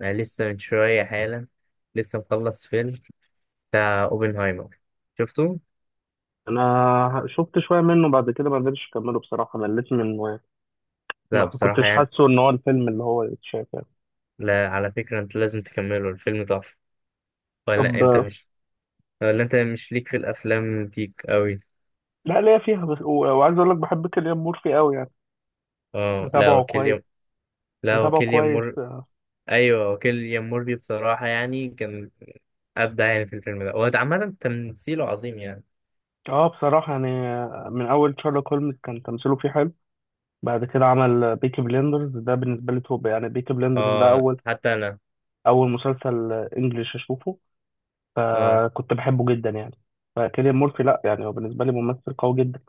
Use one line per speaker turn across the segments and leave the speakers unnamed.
انا لسه من شويه حالا، لسه مخلص فيلم بتاع اوبنهايمر. شفته؟
انا شفت شويه منه، بعد كده ما قدرتش اكمله بصراحه، مليت منه يعني.
لا
ما
بصراحه
كنتش
يعني.
حاسه ان هو الفيلم اللي هو يتشاف يعني.
لا على فكره، انت لازم تكمله، الفيلم تحفه. ولا انت
طب
مش ولا انت مش ليك في الافلام ديك قوي؟
لا، ليا فيها بس و- وعايز اقول لك بحب كيليان مورفي قوي يعني.
اه. لا
متابعه كويس.
وكيليام لا
متابعه
وكيليام
كويس.
مور ايوه، وكيليام موربي بصراحه يعني كان ابدع يعني في الفيلم ده. هو عامه تمثيله عظيم يعني.
اه بصراحه يعني، من اول شارلوك هولمز كان تمثيله فيه حلو. بعد كده عمل بيكي بليندرز، ده بالنسبه لي توب يعني. بيكي بليندرز ده
اه
اول
حتى انا.
اول مسلسل انجليش اشوفه،
اه
فكنت بحبه جدا يعني. فكيليان مورفي لا يعني، هو بالنسبه لي ممثل قوي جدا.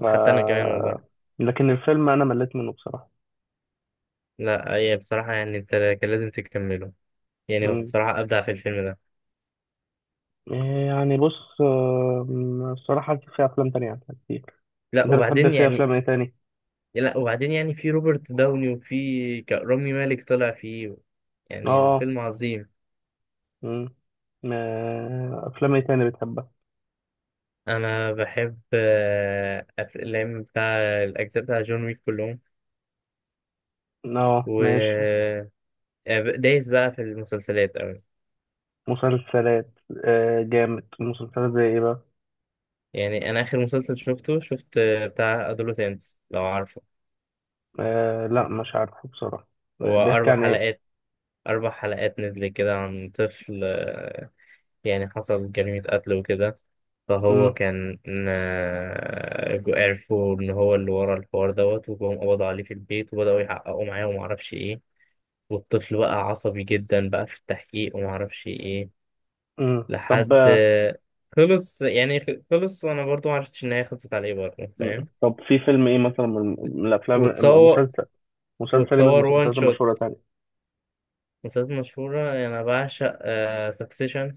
ف...
حتى انا كمان والله.
لكن الفيلم انا مليت منه بصراحه.
لا هي بصراحه يعني انت كان لازم تكمله، يعني هو
مم.
بصراحه ابدع في الفيلم ده.
إيه يعني؟ بص، الصراحه في افلام تانية أحلى كتير.
لا
انت بتحب
وبعدين
في
يعني
افلام ايه تاني؟
لا وبعدين يعني في روبرت داوني، وفي رامي مالك طلع فيه. يعني
اه.
الفيلم عظيم.
مم. افلام ايه تاني بتحبها؟
انا بحب الافلام بتاع الاجزاء بتاع جون ويك كلهم.
اه
و
ماشي.
دايس بقى في المسلسلات قوي.
مسلسلات. آه جامد، مسلسلات زي ايه بقى؟
يعني انا اخر مسلسل شفت بتاع ادولوتنس، لو عارفه.
آه لا مش عارفه بصراحه. آه،
هو
بيحكي
اربع
عن ايه؟
حلقات. نزل كده عن طفل، آه، يعني حصل جريمة قتل وكده. فهو
مم.
كان عرفوا إن هو اللي ورا الحوار دوت، وجم قبضوا عليه في البيت وبدأوا يحققوا معاه ومعرفش إيه. والطفل بقى عصبي جدا بقى في التحقيق، ومعرفش إيه.
مم. طب
لحد خلص يعني خلص، وأنا برضو معرفتش إن هي خلصت عليه برضه
مم.
فاهم.
طب في فيلم ايه مثلا، من الافلام؟
وتصور
مسلسل مسلسل إيه من
وتصور وان
المسلسلات
شوت.
المشهوره تاني؟
مسلسلات مشهورة يعني أنا بعشق سكسيشن.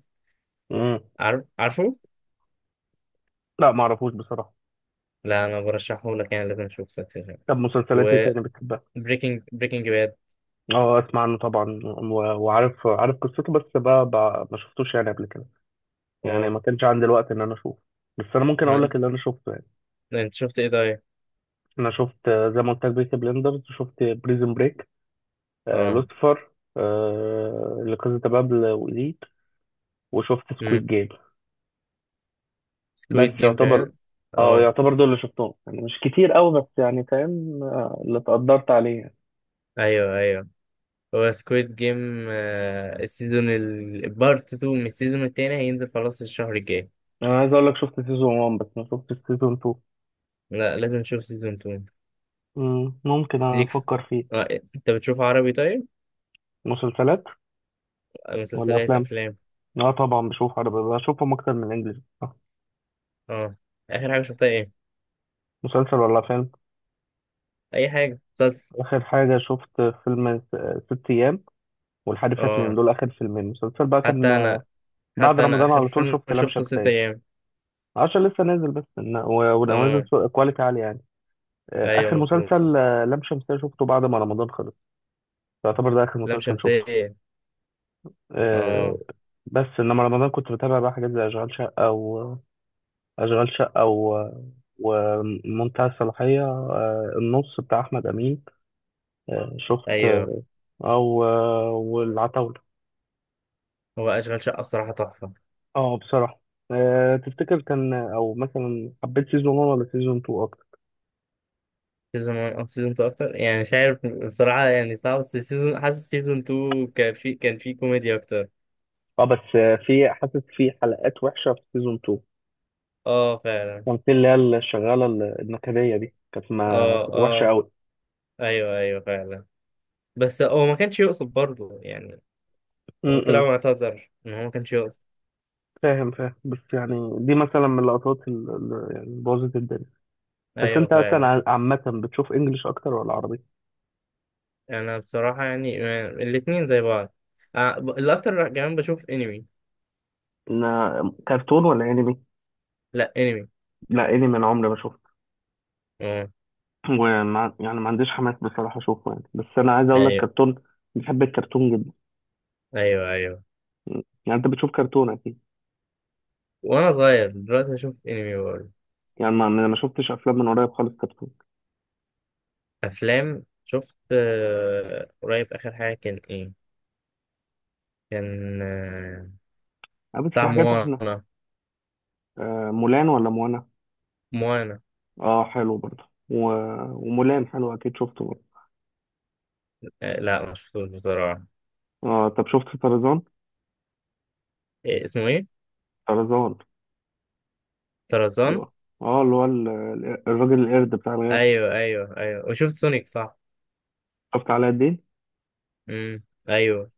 مم.
عارفه؟
لا ما اعرفوش بصراحه.
لا أنا برشحهولك، يعني لازم تشوف سكسيشن.
طب مسلسلات ايه تاني بتحبها؟
بريكنج باد.
اه اسمع عنه طبعا وعارف، عارف قصته، بس بقى ما شفتوش يعني قبل كده، يعني
اه،
ما كانش عندي الوقت ان انا اشوفه. بس انا ممكن
ما
اقول لك اللي انا شفته يعني.
انت شفت ايه طيب؟
انا شفت، زي ما قلت لك، بيكي بلندرز، شفت بريزن بريك، آه
اه،
لوسيفر، آه لكازا دي بابل، وإليت، وشفت سكويد
امم
جيم. بس
سكويد جيم
يعتبر،
كمان.
اه،
اه
يعتبر دول اللي شفتهم يعني. مش كتير قوي بس يعني فاهم، اللي تقدرت عليه يعني.
ايوه ايوه، هو سكويد جيم السيزون البارت 2 من السيزون التاني هينزل خلاص الشهر الجاي.
انا عايز اقول لك، شفت سيزون 1 بس ما شفتش سيزون 2.
لا لازم نشوف سيزون 2.
مم، ممكن
ليك في...
افكر فيه.
آه. انت بتشوف عربي طيب؟
مسلسلات ولا
مسلسلات،
افلام؟
افلام؟
اه طبعا بشوف عربي، بشوفهم اكتر من انجليزي.
اه، اخر حاجه شفتها ايه؟
مسلسل ولا فيلم؟
اي حاجه، مسلسل.
اخر حاجه شفت فيلم ست ايام والحريفه اتنين،
اه،
دول اخر فيلمين. مسلسل بقى
حتى
كان،
انا
بعد
حتى انا
رمضان
اخر
على طول
فيلم
شفت لام
شفته ست
شمسية،
ايام.
عشان لسه نازل بس ونازل
اه
كواليتي عالي يعني.
ايوه
اخر
مظبوط.
مسلسل، لام شمسية شفته بعد ما رمضان خلص. يعتبر ده اخر
لام
مسلسل شفته.
شمسية.
آه،
اه.
بس انما رمضان كنت بتابع بقى حاجات زي اشغال شقه. أشغال شقة و... ومنتهى الصلاحية، النص بتاع أحمد أمين، شفت،
ايوه.
أو والعتاولة.
هو أشغال شقة بصراحة تحفة.
أه بصراحة. تفتكر كان، أو مثلا حبيت سيزون 1 ولا سيزون 2 أكتر؟
سيزون 1 أو سيزون 2 أكتر، يعني مش عارف بصراحة، يعني صعب. بس حاسس سيزون 2 كان في كوميديا أكتر.
أه بس، في، حاسس في حلقات وحشة في سيزون 2.
أه فعلا.
كان في اللي هي الشغالة النكدية دي، كانت ما
أه
وحشة
أه
أوي.
أيوه أيوه فعلا. بس هو ما كانش يقصد برضه يعني. هو طلع
امم.
معتذر إن هو ما كانش يقصد.
فاهم فاهم، بس يعني دي مثلا من اللقطات اللي يعني بوظت الدنيا. بس
أيوه
انت مثلا،
فعلا.
عامة بتشوف انجلش اكتر ولا عربي؟
أنا بصراحة يعني، الاتنين زي بعض. الأكتر كمان بشوف أنمي.
كرتون ولا انمي؟
لأ أنمي.
لا انمي انا عمري ما شفته.
أه
يعني ما عنديش حماس بصراحه اشوفه يعني. بس انا عايز اقول لك،
أيوه
كرتون بحب الكرتون جدا.
أيوه أيوه.
يعني انت بتشوف كرتون اكيد.
وأنا صغير دلوقتي بشوف أنمي برضه.
يعني ما شفتش افلام من قريب خالص، كرتون
افلام شفت قريب. اخر حاجه كان ايه؟ كان
يعني. بس في
بتاع
حاجات احنا،
موانا.
آه، مولان ولا موانا؟
موانا.
اه حلو برضه ومولان حلو اكيد، شفته برضه.
لا ما شفتوش بصراحه.
اه طب شفت طرزان؟
إيه اسمه ايه؟
طرزان.
طرزان.
اه. اللي هو الراجل القرد بتاع الغاب.
ايوه ايوه ايوه، وشفت سونيك صح؟
شفت علاء الدين
امم. ايوه.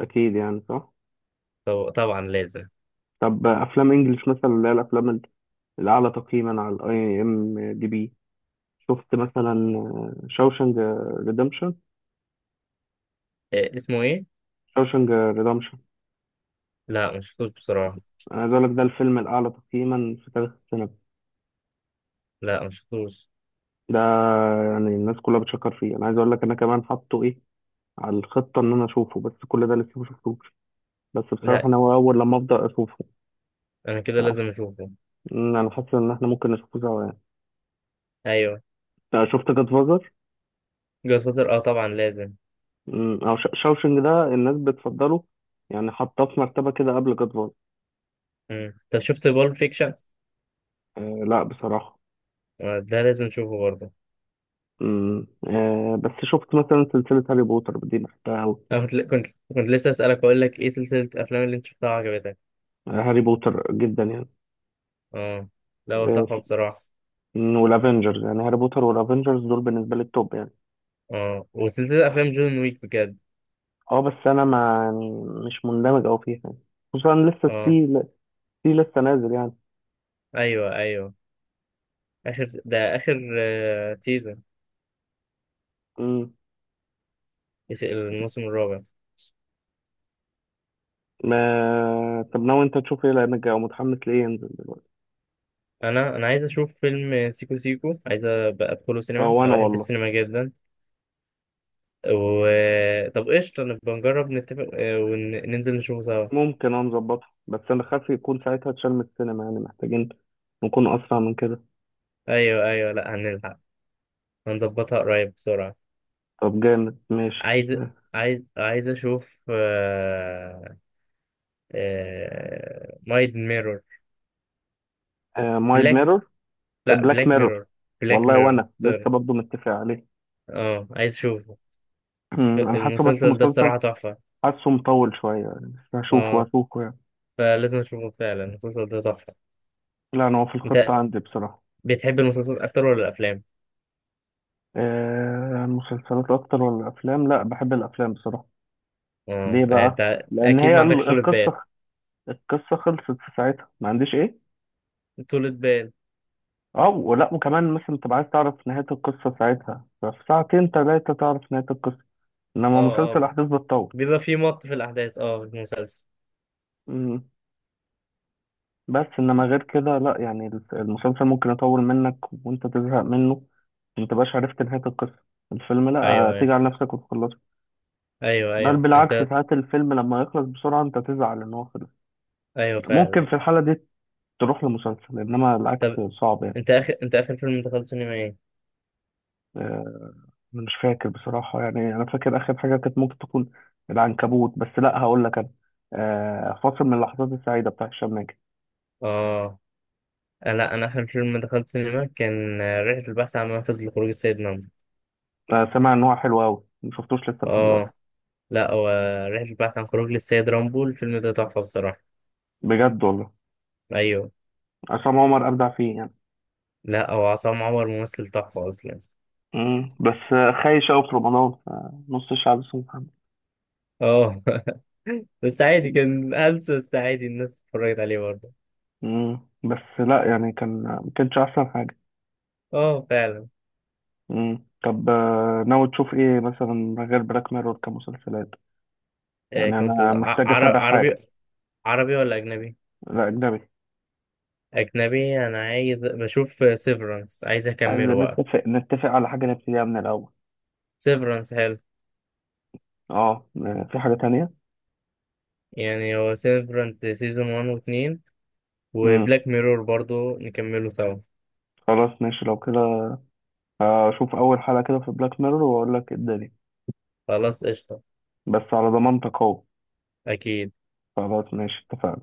اكيد يعني، صح؟
طب طبعا لازم.
طب افلام انجلش مثلا، اللي هي الافلام الأعلى تقييما على الأي إم دي بي، شفت مثلا شوشنج ريدمشن؟
إيه اسمه ايه؟
شوشنج ريدمشن.
لا ما شفتوش بصراحه.
أنا عايز أقول لك، ده الفيلم الأعلى تقييما في تاريخ السينما
لا ما شفتوش.
ده. يعني الناس كلها بتشكر فيه. أنا عايز أقول لك، أنا كمان حاطه إيه على الخطة إن أنا أشوفه، بس كل ده لسه ما شفتوش. بس بصراحة
لا
أنا هو أول لما أبدأ أشوفه
انا كده
مش عارف.
لازم اشوفه.
أمم، أنا حاسس إن إحنا ممكن نشوفه سوا يعني.
ايوه.
أنت شفت جاد فازر؟
جاد فاتر، اه طبعا لازم.
أو شوشنج ده الناس بتفضله، يعني حاطاه في مرتبة كده قبل جاد فازر.
طب شفت بول فيكشن؟
أه لا بصراحة.
ده لازم اشوفه برضه.
امم، آه بس شفت مثلا سلسلة هاري بوتر دي، بحبها أوي.
انا كنت لسه اسالك، اقول لك ايه سلسله الافلام اللي انت شفتها عجبتك.
هاري بوتر جدا يعني.
اه. لا هو
آه
تحفه
س-
بصراحه.
والافنجرز يعني، هاري بوتر والافنجرز دول بالنسبة لي التوب يعني.
اه وسلسله افلام جون ويك بجد.
اه بس انا ما يعني، مش مندمج أوي فيها يعني. خصوصا لسه
اه
في، في لسه نازل يعني.
ايوه ايوه. اخر سيزون،
امم.
الموسم الرابع.
ما طب ناوي انت تشوف ايه، لانك او متحمس ليه ينزل دلوقتي؟
انا عايز اشوف فيلم سيكو سيكو، عايز ابقى ادخله
اه
سينما،
وانا
انا بحب
والله.
السينما جدا. و طب قشطه نبقى نجرب نتفق، وننزل نشوفه سوا.
ممكن انا نظبطها، بس انا خايف يكون ساعتها اتشال من السينما يعني، محتاجين نكون اسرع من كده.
ايوه ايوه، لا هنلحق، هنظبطها قريب بسرعه.
طب جامد ماشي.
عايز عايز اشوف نايت ميرور،
مايد
بلاك.
ميرور.
لا
بلاك
بلاك
ميرور.
ميرور. بلاك
والله
ميرور
وانا
سوري.
لسه برضه متفق عليه.
اه عايز اشوفه،
أمم، انا حاسه بس
المسلسل ده
مسلسل،
بصراحة تحفة.
حاسه مطول شويه يعني، بس هشوفه،
اه
يعني.
فلازم اشوفه فعلا، المسلسل ده تحفة.
لا انا هو في الخطه
انت
عندي بصراحه.
بتحب المسلسلات اكتر ولا الافلام؟
آه مسلسلات اكتر ولا افلام، لا بحب الافلام بصراحه.
اه
ليه
يعني
بقى؟
انت
لان
اكيد ما
هي
عندكش طولة بال.
القصه. القصه خلصت في ساعتها، ما عنديش ايه.
طولة بال.
اه ولا وكمان مثلا تبقى عايز تعرف نهايه القصه ساعتها، ففي ساعتين ثلاثه تعرف نهايه القصه، انما
اه اه،
مسلسل احداث بتطول.
بيبقى في في الاحداث، اه، في المسلسل.
بس انما غير كده لا يعني، المسلسل ممكن يطول منك وانت تزهق منه، ما تبقاش عرفت نهاية القصة. الفيلم لا،
ايوه ايوه
تيجي على نفسك وتخلصه.
ايوه
بل
ايوه انت.
بالعكس، ساعات الفيلم لما يخلص بسرعة انت تزعل ان هو خلص.
ايوه فعلا.
ممكن في الحالة دي تروح لمسلسل، انما العكس
طب،
صعب يعني.
انت اخر فيلم دخلت سينما ايه؟
آه، مش فاكر بصراحة يعني. انا فاكر اخر حاجة كانت ممكن تكون العنكبوت، بس لا هقول لك انا، فاصل من اللحظات السعيدة بتاع هشام ماجد.
اه. لا انا اخر فيلم دخلت سينما كان رحلة البحث عن منفذ لخروج السيد رامبو.
سامع ان هو حلو قوي، مشفتوش لسه لحد دلوقتي.
اه. لا هو رحلة البحث عن خروج للسيد رامبو، الفيلم ده تحفة بصراحة.
بجد والله.
ايوه.
عصام عمر ابدع فيه يعني.
لا هو عصام عمر ممثل تحفة اصلا.
مم. بس خايش قوي في رمضان، نص الشعب اسمه محمد.
اه بس عادي كان هلس، بس عادي الناس اتفرجت عليه برضه.
مم. بس لا يعني، كان ما كانش احسن حاجه.
اه فعلا.
مم. طب ناوي تشوف ايه مثلا غير بلاك ميرور كمسلسلات؟ يعني
كان
انا
مسلسل
محتاج اتابع
عربي.
حاجه.
عربي ولا اجنبي؟
لا اجنبي.
اجنبي. انا عايز بشوف سيفرنس، عايز
عايز
اكمله بقى.
نتفق على حاجه نبتديها من الاول.
سيفرنس حلو.
اه في حاجه تانية.
يعني هو سيفرنس سيزون 1 و2،
مم.
وبلاك ميرور برضو نكمله سوا.
خلاص ماشي لو كده، اشوف اول حلقه كده في بلاك ميرور واقول لك إيه الدنيا.
خلاص قشطة.
بس على ضمانتك اهو.
أكيد.
خلاص ماشي، اتفقنا.